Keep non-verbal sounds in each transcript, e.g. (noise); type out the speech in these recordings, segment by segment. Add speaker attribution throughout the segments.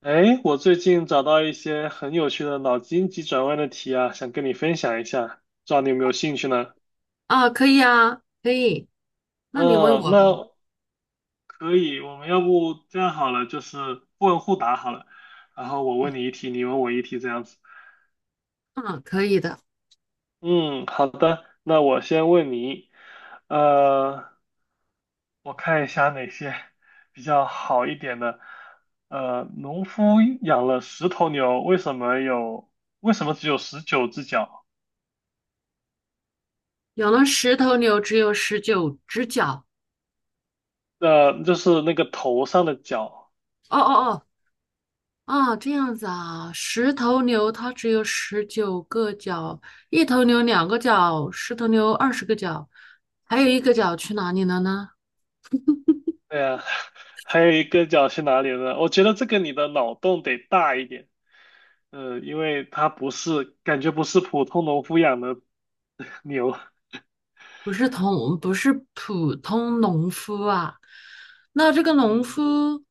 Speaker 1: 哎，我最近找到一些很有趣的脑筋急转弯的题啊，想跟你分享一下，不知道你有没有兴趣呢？
Speaker 2: 啊，可以啊，可以。那你问我
Speaker 1: 嗯，
Speaker 2: 吧。
Speaker 1: 那可以，我们要不这样好了，就是互问互答好了，然后我问你一题，你问我一题，这样子。
Speaker 2: 嗯，可以的。
Speaker 1: 嗯，好的，那我先问你，呃，我看一下哪些 (laughs) 比较好一点的。农夫养了10头牛，为什么有，为什么只有十九只脚？
Speaker 2: 养了十头牛，只有19只脚。
Speaker 1: 就是那个头上的角，
Speaker 2: 哦哦哦，啊，这样子啊。十头牛它只有19个脚，1头牛2个脚，十头牛20个脚，还有1个脚去哪里了呢？
Speaker 1: 对呀，(laughs) 还有一个角去哪里了呢？我觉得这个你的脑洞得大一点，因为它不是，感觉不是普通农夫养的 (laughs) 牛，
Speaker 2: 不是普通农夫啊。那这个农
Speaker 1: 嗯，
Speaker 2: 夫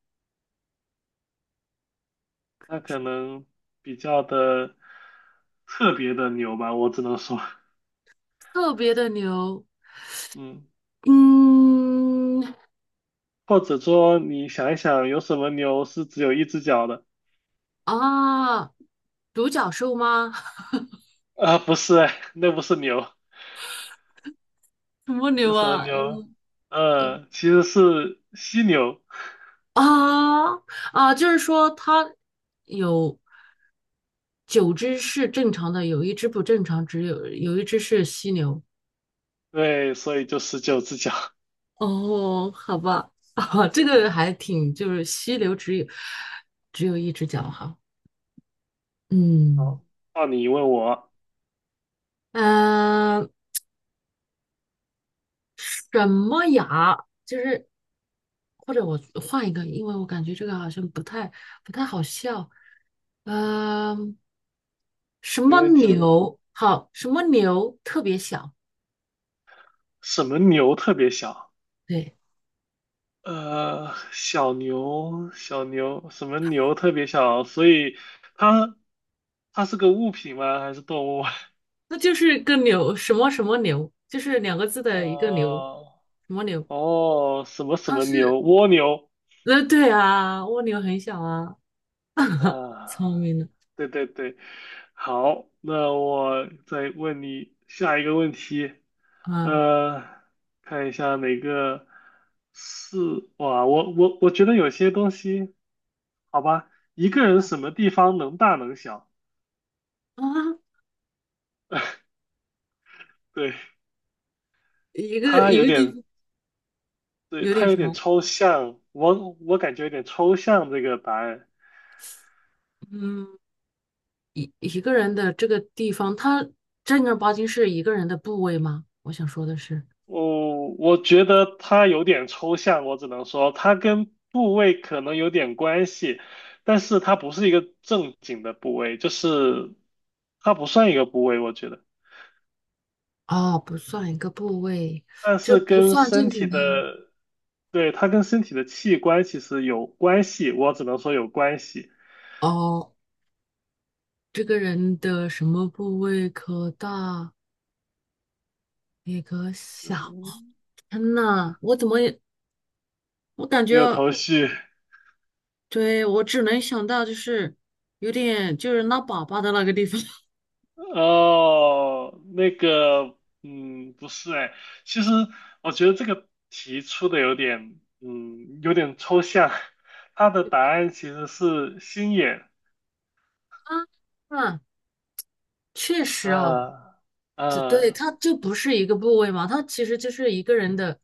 Speaker 1: 它可能比较的特别的牛吧，我只能说，
Speaker 2: 特别的牛，
Speaker 1: 嗯，
Speaker 2: 嗯
Speaker 1: 或者说你想一想，有什么牛是只有一只脚的？
Speaker 2: 啊，独角兽吗？(laughs)
Speaker 1: 啊、不是哎，(laughs) 那不是牛，
Speaker 2: 什么牛
Speaker 1: 有什么
Speaker 2: 啊？
Speaker 1: 牛？其实是犀牛。
Speaker 2: 啊啊，就是说它有九只是正常的，有一只不正常，只有一只是犀牛。
Speaker 1: 对，所以就十九只脚。
Speaker 2: 哦，好吧，(laughs) 啊，这个还挺，就是犀牛只有1只脚哈。嗯，
Speaker 1: 好 (laughs)，到你问我，
Speaker 2: 呃，什么牙？就是或者我换一个，因为我感觉这个好像不太好笑。嗯、什
Speaker 1: 没
Speaker 2: 么
Speaker 1: 问题的。
Speaker 2: 牛？好，什么牛特别小？
Speaker 1: 什么牛特别小？
Speaker 2: 对。
Speaker 1: 小牛，小牛，什么牛特别小？所以它它是个物品吗？还是动物？(laughs)
Speaker 2: 那就是个牛，什么什么牛，就是两个字的一个牛，
Speaker 1: 啊，
Speaker 2: 什么牛？
Speaker 1: 哦，什么什
Speaker 2: 它
Speaker 1: 么
Speaker 2: 是，
Speaker 1: 牛？蜗牛。
Speaker 2: 对啊，蜗牛很小啊，
Speaker 1: 啊，
Speaker 2: 聪明的
Speaker 1: 对对对。好，那我再问你下一个问题。
Speaker 2: 啊
Speaker 1: 呃，看一下哪个是哇，我觉得有些东西，好吧，一个人什么地方能大能小，
Speaker 2: 啊
Speaker 1: 对，
Speaker 2: (laughs)，一个
Speaker 1: 他
Speaker 2: 一
Speaker 1: 有
Speaker 2: 个地
Speaker 1: 点，
Speaker 2: 方
Speaker 1: 对，
Speaker 2: 有
Speaker 1: 他
Speaker 2: 点
Speaker 1: 有
Speaker 2: 什
Speaker 1: 点
Speaker 2: 么，
Speaker 1: 抽象，我感觉有点抽象这个答案，
Speaker 2: 嗯，一个人的这个地方，它正儿八经是一个人的部位吗？我想说的是，
Speaker 1: 我觉得他有点抽象，我只能说他跟部位可能有点关系，但是它不是一个正经的部位，就是它不算一个部位，我觉得。
Speaker 2: 哦，不算一个部位，
Speaker 1: 但
Speaker 2: 这
Speaker 1: 是
Speaker 2: 不
Speaker 1: 跟
Speaker 2: 算正
Speaker 1: 身
Speaker 2: 经
Speaker 1: 体
Speaker 2: 的
Speaker 1: 的，对，它跟身体的器官其实有关系，我只能说有关系，
Speaker 2: 哦。这个人的什么部位可大也可小？天呐，我怎么也我感
Speaker 1: 没有
Speaker 2: 觉，
Speaker 1: 头绪。
Speaker 2: 对，我只能想到就是有点就是拉粑粑的那个地方
Speaker 1: 哦，那个，嗯，不是哎，其实我觉得这个题出的有点，有点抽象。它的答案其实是心眼，
Speaker 2: (laughs) 啊，啊确实哦，
Speaker 1: 啊、
Speaker 2: 这对，
Speaker 1: 啊、
Speaker 2: 它就不是一个部位嘛，它其实就是一个人的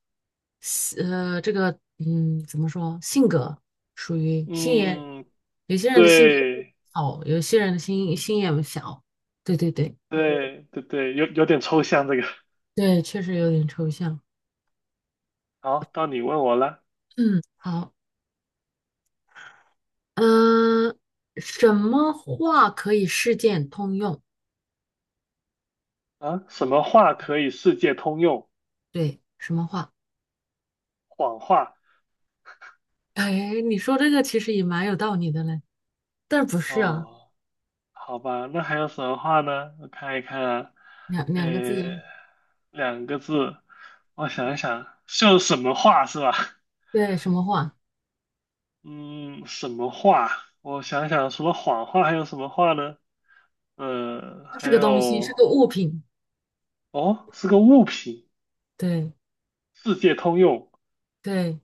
Speaker 2: 这个怎么说，性格属于心眼，
Speaker 1: 嗯，
Speaker 2: 有些人的性格
Speaker 1: 对，
Speaker 2: 好，有些人的心眼小，对对对
Speaker 1: 对，对对，有点抽象这个。
Speaker 2: 对，确实有点抽象。
Speaker 1: 好，到你问我了。
Speaker 2: 嗯，好，嗯、什么话可以事件通用？
Speaker 1: 啊，什么话可以世界通用？
Speaker 2: 对，什么话？
Speaker 1: 谎话。
Speaker 2: 哎，你说这个其实也蛮有道理的嘞，但是不是啊？
Speaker 1: 哦，好吧，那还有什么话呢？我看一看啊，
Speaker 2: 两
Speaker 1: 哎，
Speaker 2: 两个字啊，
Speaker 1: 两个字，我想一想，就什么话是吧？
Speaker 2: 对，什么话？
Speaker 1: 嗯，什么话？我想想，除了谎话还有什么话呢？
Speaker 2: 它
Speaker 1: 还
Speaker 2: 是个东西，是个
Speaker 1: 有，
Speaker 2: 物品。
Speaker 1: 哦，是个物品，
Speaker 2: 对
Speaker 1: 世界通用。
Speaker 2: 对，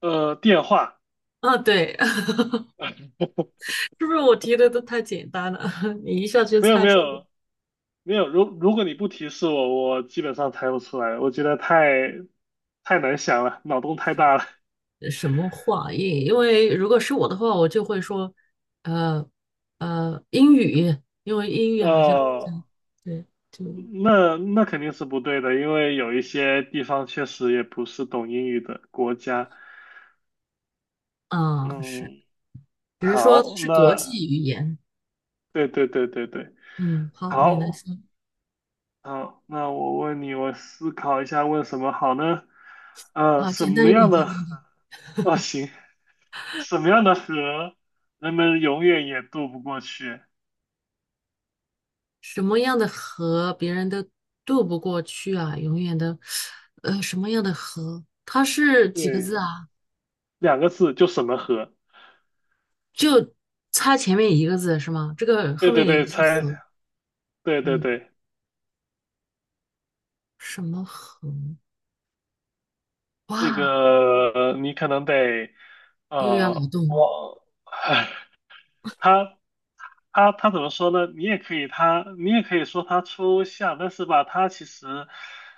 Speaker 1: 电话，
Speaker 2: 啊对，(laughs) 是不是我提的都太简单了？(laughs) 你一下就
Speaker 1: 没有
Speaker 2: 猜
Speaker 1: 没
Speaker 2: 出
Speaker 1: 有，没有，如果你不提示我，我基本上猜不出来。我觉得太难想了，脑洞太大了。
Speaker 2: 什么话？因为如果是我的话，我就会说，呃英语，因为英语好像，嗯，
Speaker 1: 哦，
Speaker 2: 对，就
Speaker 1: 那肯定是不对的，因为有一些地方确实也不是懂英语的国家。
Speaker 2: 啊是，
Speaker 1: 嗯，
Speaker 2: 只是说它
Speaker 1: 好，
Speaker 2: 是国
Speaker 1: 那
Speaker 2: 际语言。
Speaker 1: 对对对对对，
Speaker 2: 嗯，好，你来
Speaker 1: 好，
Speaker 2: 说，
Speaker 1: 好，那我问你，我思考一下问什么好呢？
Speaker 2: 好，
Speaker 1: 什
Speaker 2: 简单
Speaker 1: 么
Speaker 2: 一点，
Speaker 1: 样
Speaker 2: 简
Speaker 1: 的
Speaker 2: 单。
Speaker 1: 河？哦，行，什么样的河人们永远也渡不过去？
Speaker 2: 什么样的河别人都渡不过去啊，永远都，什么样的河？它是几个
Speaker 1: 对。
Speaker 2: 字啊？
Speaker 1: 两个字就什么河。
Speaker 2: 就差前面1个字是吗？这个
Speaker 1: 对
Speaker 2: 后
Speaker 1: 对
Speaker 2: 面
Speaker 1: 对，
Speaker 2: 也是
Speaker 1: 猜，
Speaker 2: 河，
Speaker 1: 对对
Speaker 2: 嗯，
Speaker 1: 对，
Speaker 2: 什么河？
Speaker 1: 这
Speaker 2: 哇，
Speaker 1: 个呃你可能得
Speaker 2: 又要脑洞
Speaker 1: 我，(laughs) 唉，他他怎么说呢？你也可以他，你也可以说他抽象，但是吧，他其实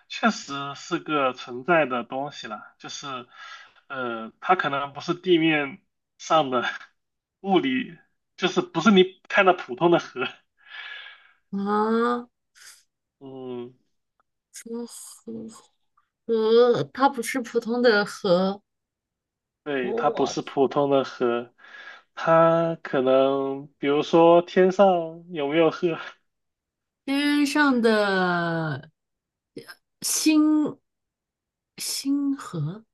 Speaker 1: 确实是个存在的东西啦，就是它可能不是地面上的 (laughs) 物理，就是不是你看到普通的河，
Speaker 2: 啊！
Speaker 1: 嗯。
Speaker 2: 什么河？河，它不是普通的河，
Speaker 1: 对，它不
Speaker 2: 我
Speaker 1: 是普通的河，它可能比如说天上有没有河，
Speaker 2: 天上的呃星星河，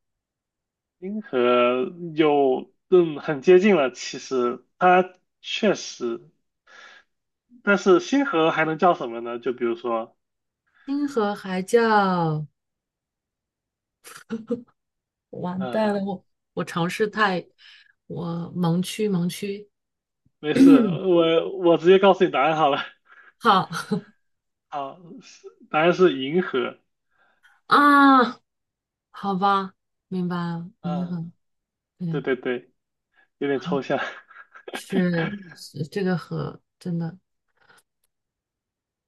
Speaker 1: 银河有，很接近了。其实它确实，但是星河还能叫什么呢？就比如说，
Speaker 2: 星河还叫。完蛋
Speaker 1: 嗯，
Speaker 2: 了，我尝试太，我盲区盲区，
Speaker 1: 没事，
Speaker 2: (coughs) (clears throat)
Speaker 1: 我直接告诉你答案好了。
Speaker 2: 好
Speaker 1: 好，是答案是银河。
Speaker 2: 啊，好吧，明白了，平
Speaker 1: 嗯，
Speaker 2: 衡，
Speaker 1: 对
Speaker 2: 对，
Speaker 1: 对对，有点
Speaker 2: 好，
Speaker 1: 抽象。
Speaker 2: 是
Speaker 1: (laughs)
Speaker 2: 是这个和真的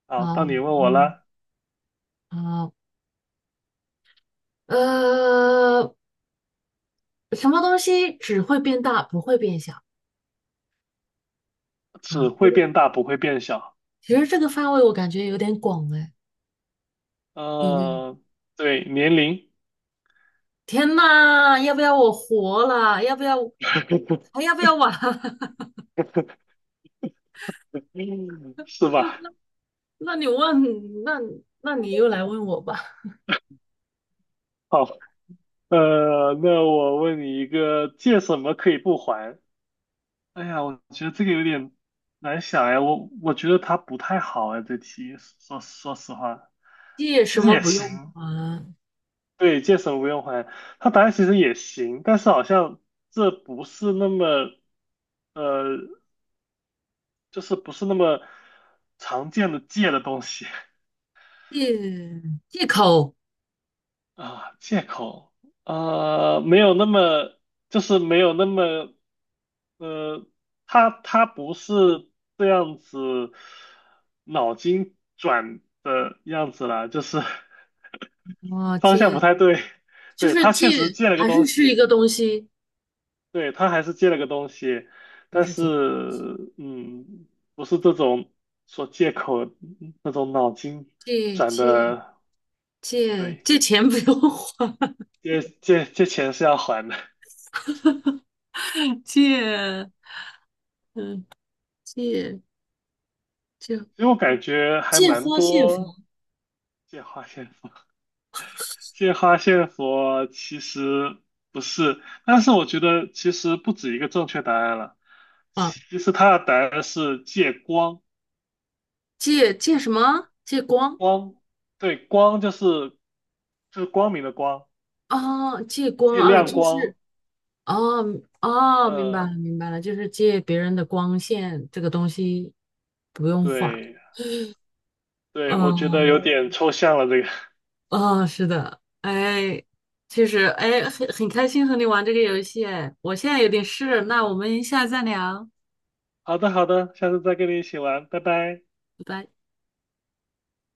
Speaker 1: 好，
Speaker 2: 好，
Speaker 1: 到你问我
Speaker 2: 嗯，
Speaker 1: 了，
Speaker 2: 好，呃，什么东西只会变大不会变小
Speaker 1: 只
Speaker 2: 啊？这
Speaker 1: 会
Speaker 2: 个
Speaker 1: 变大不会变小。
Speaker 2: 其实这个范围我感觉有点广哎，有没有？
Speaker 1: 嗯、对，年龄。
Speaker 2: 天呐，要不要我活了？要不要还要不要玩？(laughs)
Speaker 1: (laughs) 是吧？
Speaker 2: 那你问，那那你又来问我吧。
Speaker 1: 好，那我问你一个，借什么可以不还？哎呀，我觉得这个有点难想哎，我觉得它不太好哎，这题说实话，
Speaker 2: 借
Speaker 1: 其
Speaker 2: 什
Speaker 1: 实
Speaker 2: 么
Speaker 1: 也
Speaker 2: 不用
Speaker 1: 行，
Speaker 2: 还？
Speaker 1: 对，借什么不用还，它答案其实也行，但是好像这不是那么，呃，就是不是那么常见的借的东西 (laughs)
Speaker 2: 借借口
Speaker 1: 啊，借口，没有那么。就是没有那么呃，他不是这样子脑筋转的样子啦，就是 (laughs)
Speaker 2: 啊，
Speaker 1: 方向
Speaker 2: 借
Speaker 1: 不太对。
Speaker 2: 就
Speaker 1: 对，
Speaker 2: 是
Speaker 1: 他
Speaker 2: 借，
Speaker 1: 确实借了个
Speaker 2: 还
Speaker 1: 东
Speaker 2: 是是一
Speaker 1: 西，
Speaker 2: 个东西，
Speaker 1: 对，他还是借了个东西，
Speaker 2: 还
Speaker 1: 但
Speaker 2: 是
Speaker 1: 是嗯，不是这种说借口那种脑筋
Speaker 2: 借
Speaker 1: 转
Speaker 2: 借
Speaker 1: 的，
Speaker 2: 借
Speaker 1: 对，
Speaker 2: 借钱不用还，
Speaker 1: 借钱是要还的。
Speaker 2: (laughs) 借嗯借借
Speaker 1: 其实我感觉还
Speaker 2: 借
Speaker 1: 蛮
Speaker 2: 花献佛
Speaker 1: 多借花献佛。借花献佛其实不是，但是我觉得其实不止一个正确答案了。
Speaker 2: 啊，
Speaker 1: 其实它的答案是借光，
Speaker 2: 借什么？借光
Speaker 1: 光，对，光就是就是光明的光，
Speaker 2: 啊，借光
Speaker 1: 借
Speaker 2: 啊，
Speaker 1: 亮
Speaker 2: 就
Speaker 1: 光。
Speaker 2: 是。哦嗯哦，明白了，
Speaker 1: 呃，
Speaker 2: 明白了，就是借别人的光线这个东西不用画。
Speaker 1: 对对，我觉得有
Speaker 2: 嗯，
Speaker 1: 点抽象了这个。
Speaker 2: 哦，是的，哎，其实哎，很开心和你玩这个游戏，哎，我现在有点事，那我们下次再聊，
Speaker 1: (laughs) 好的好的，下次再跟你一起玩，拜拜。
Speaker 2: 拜拜。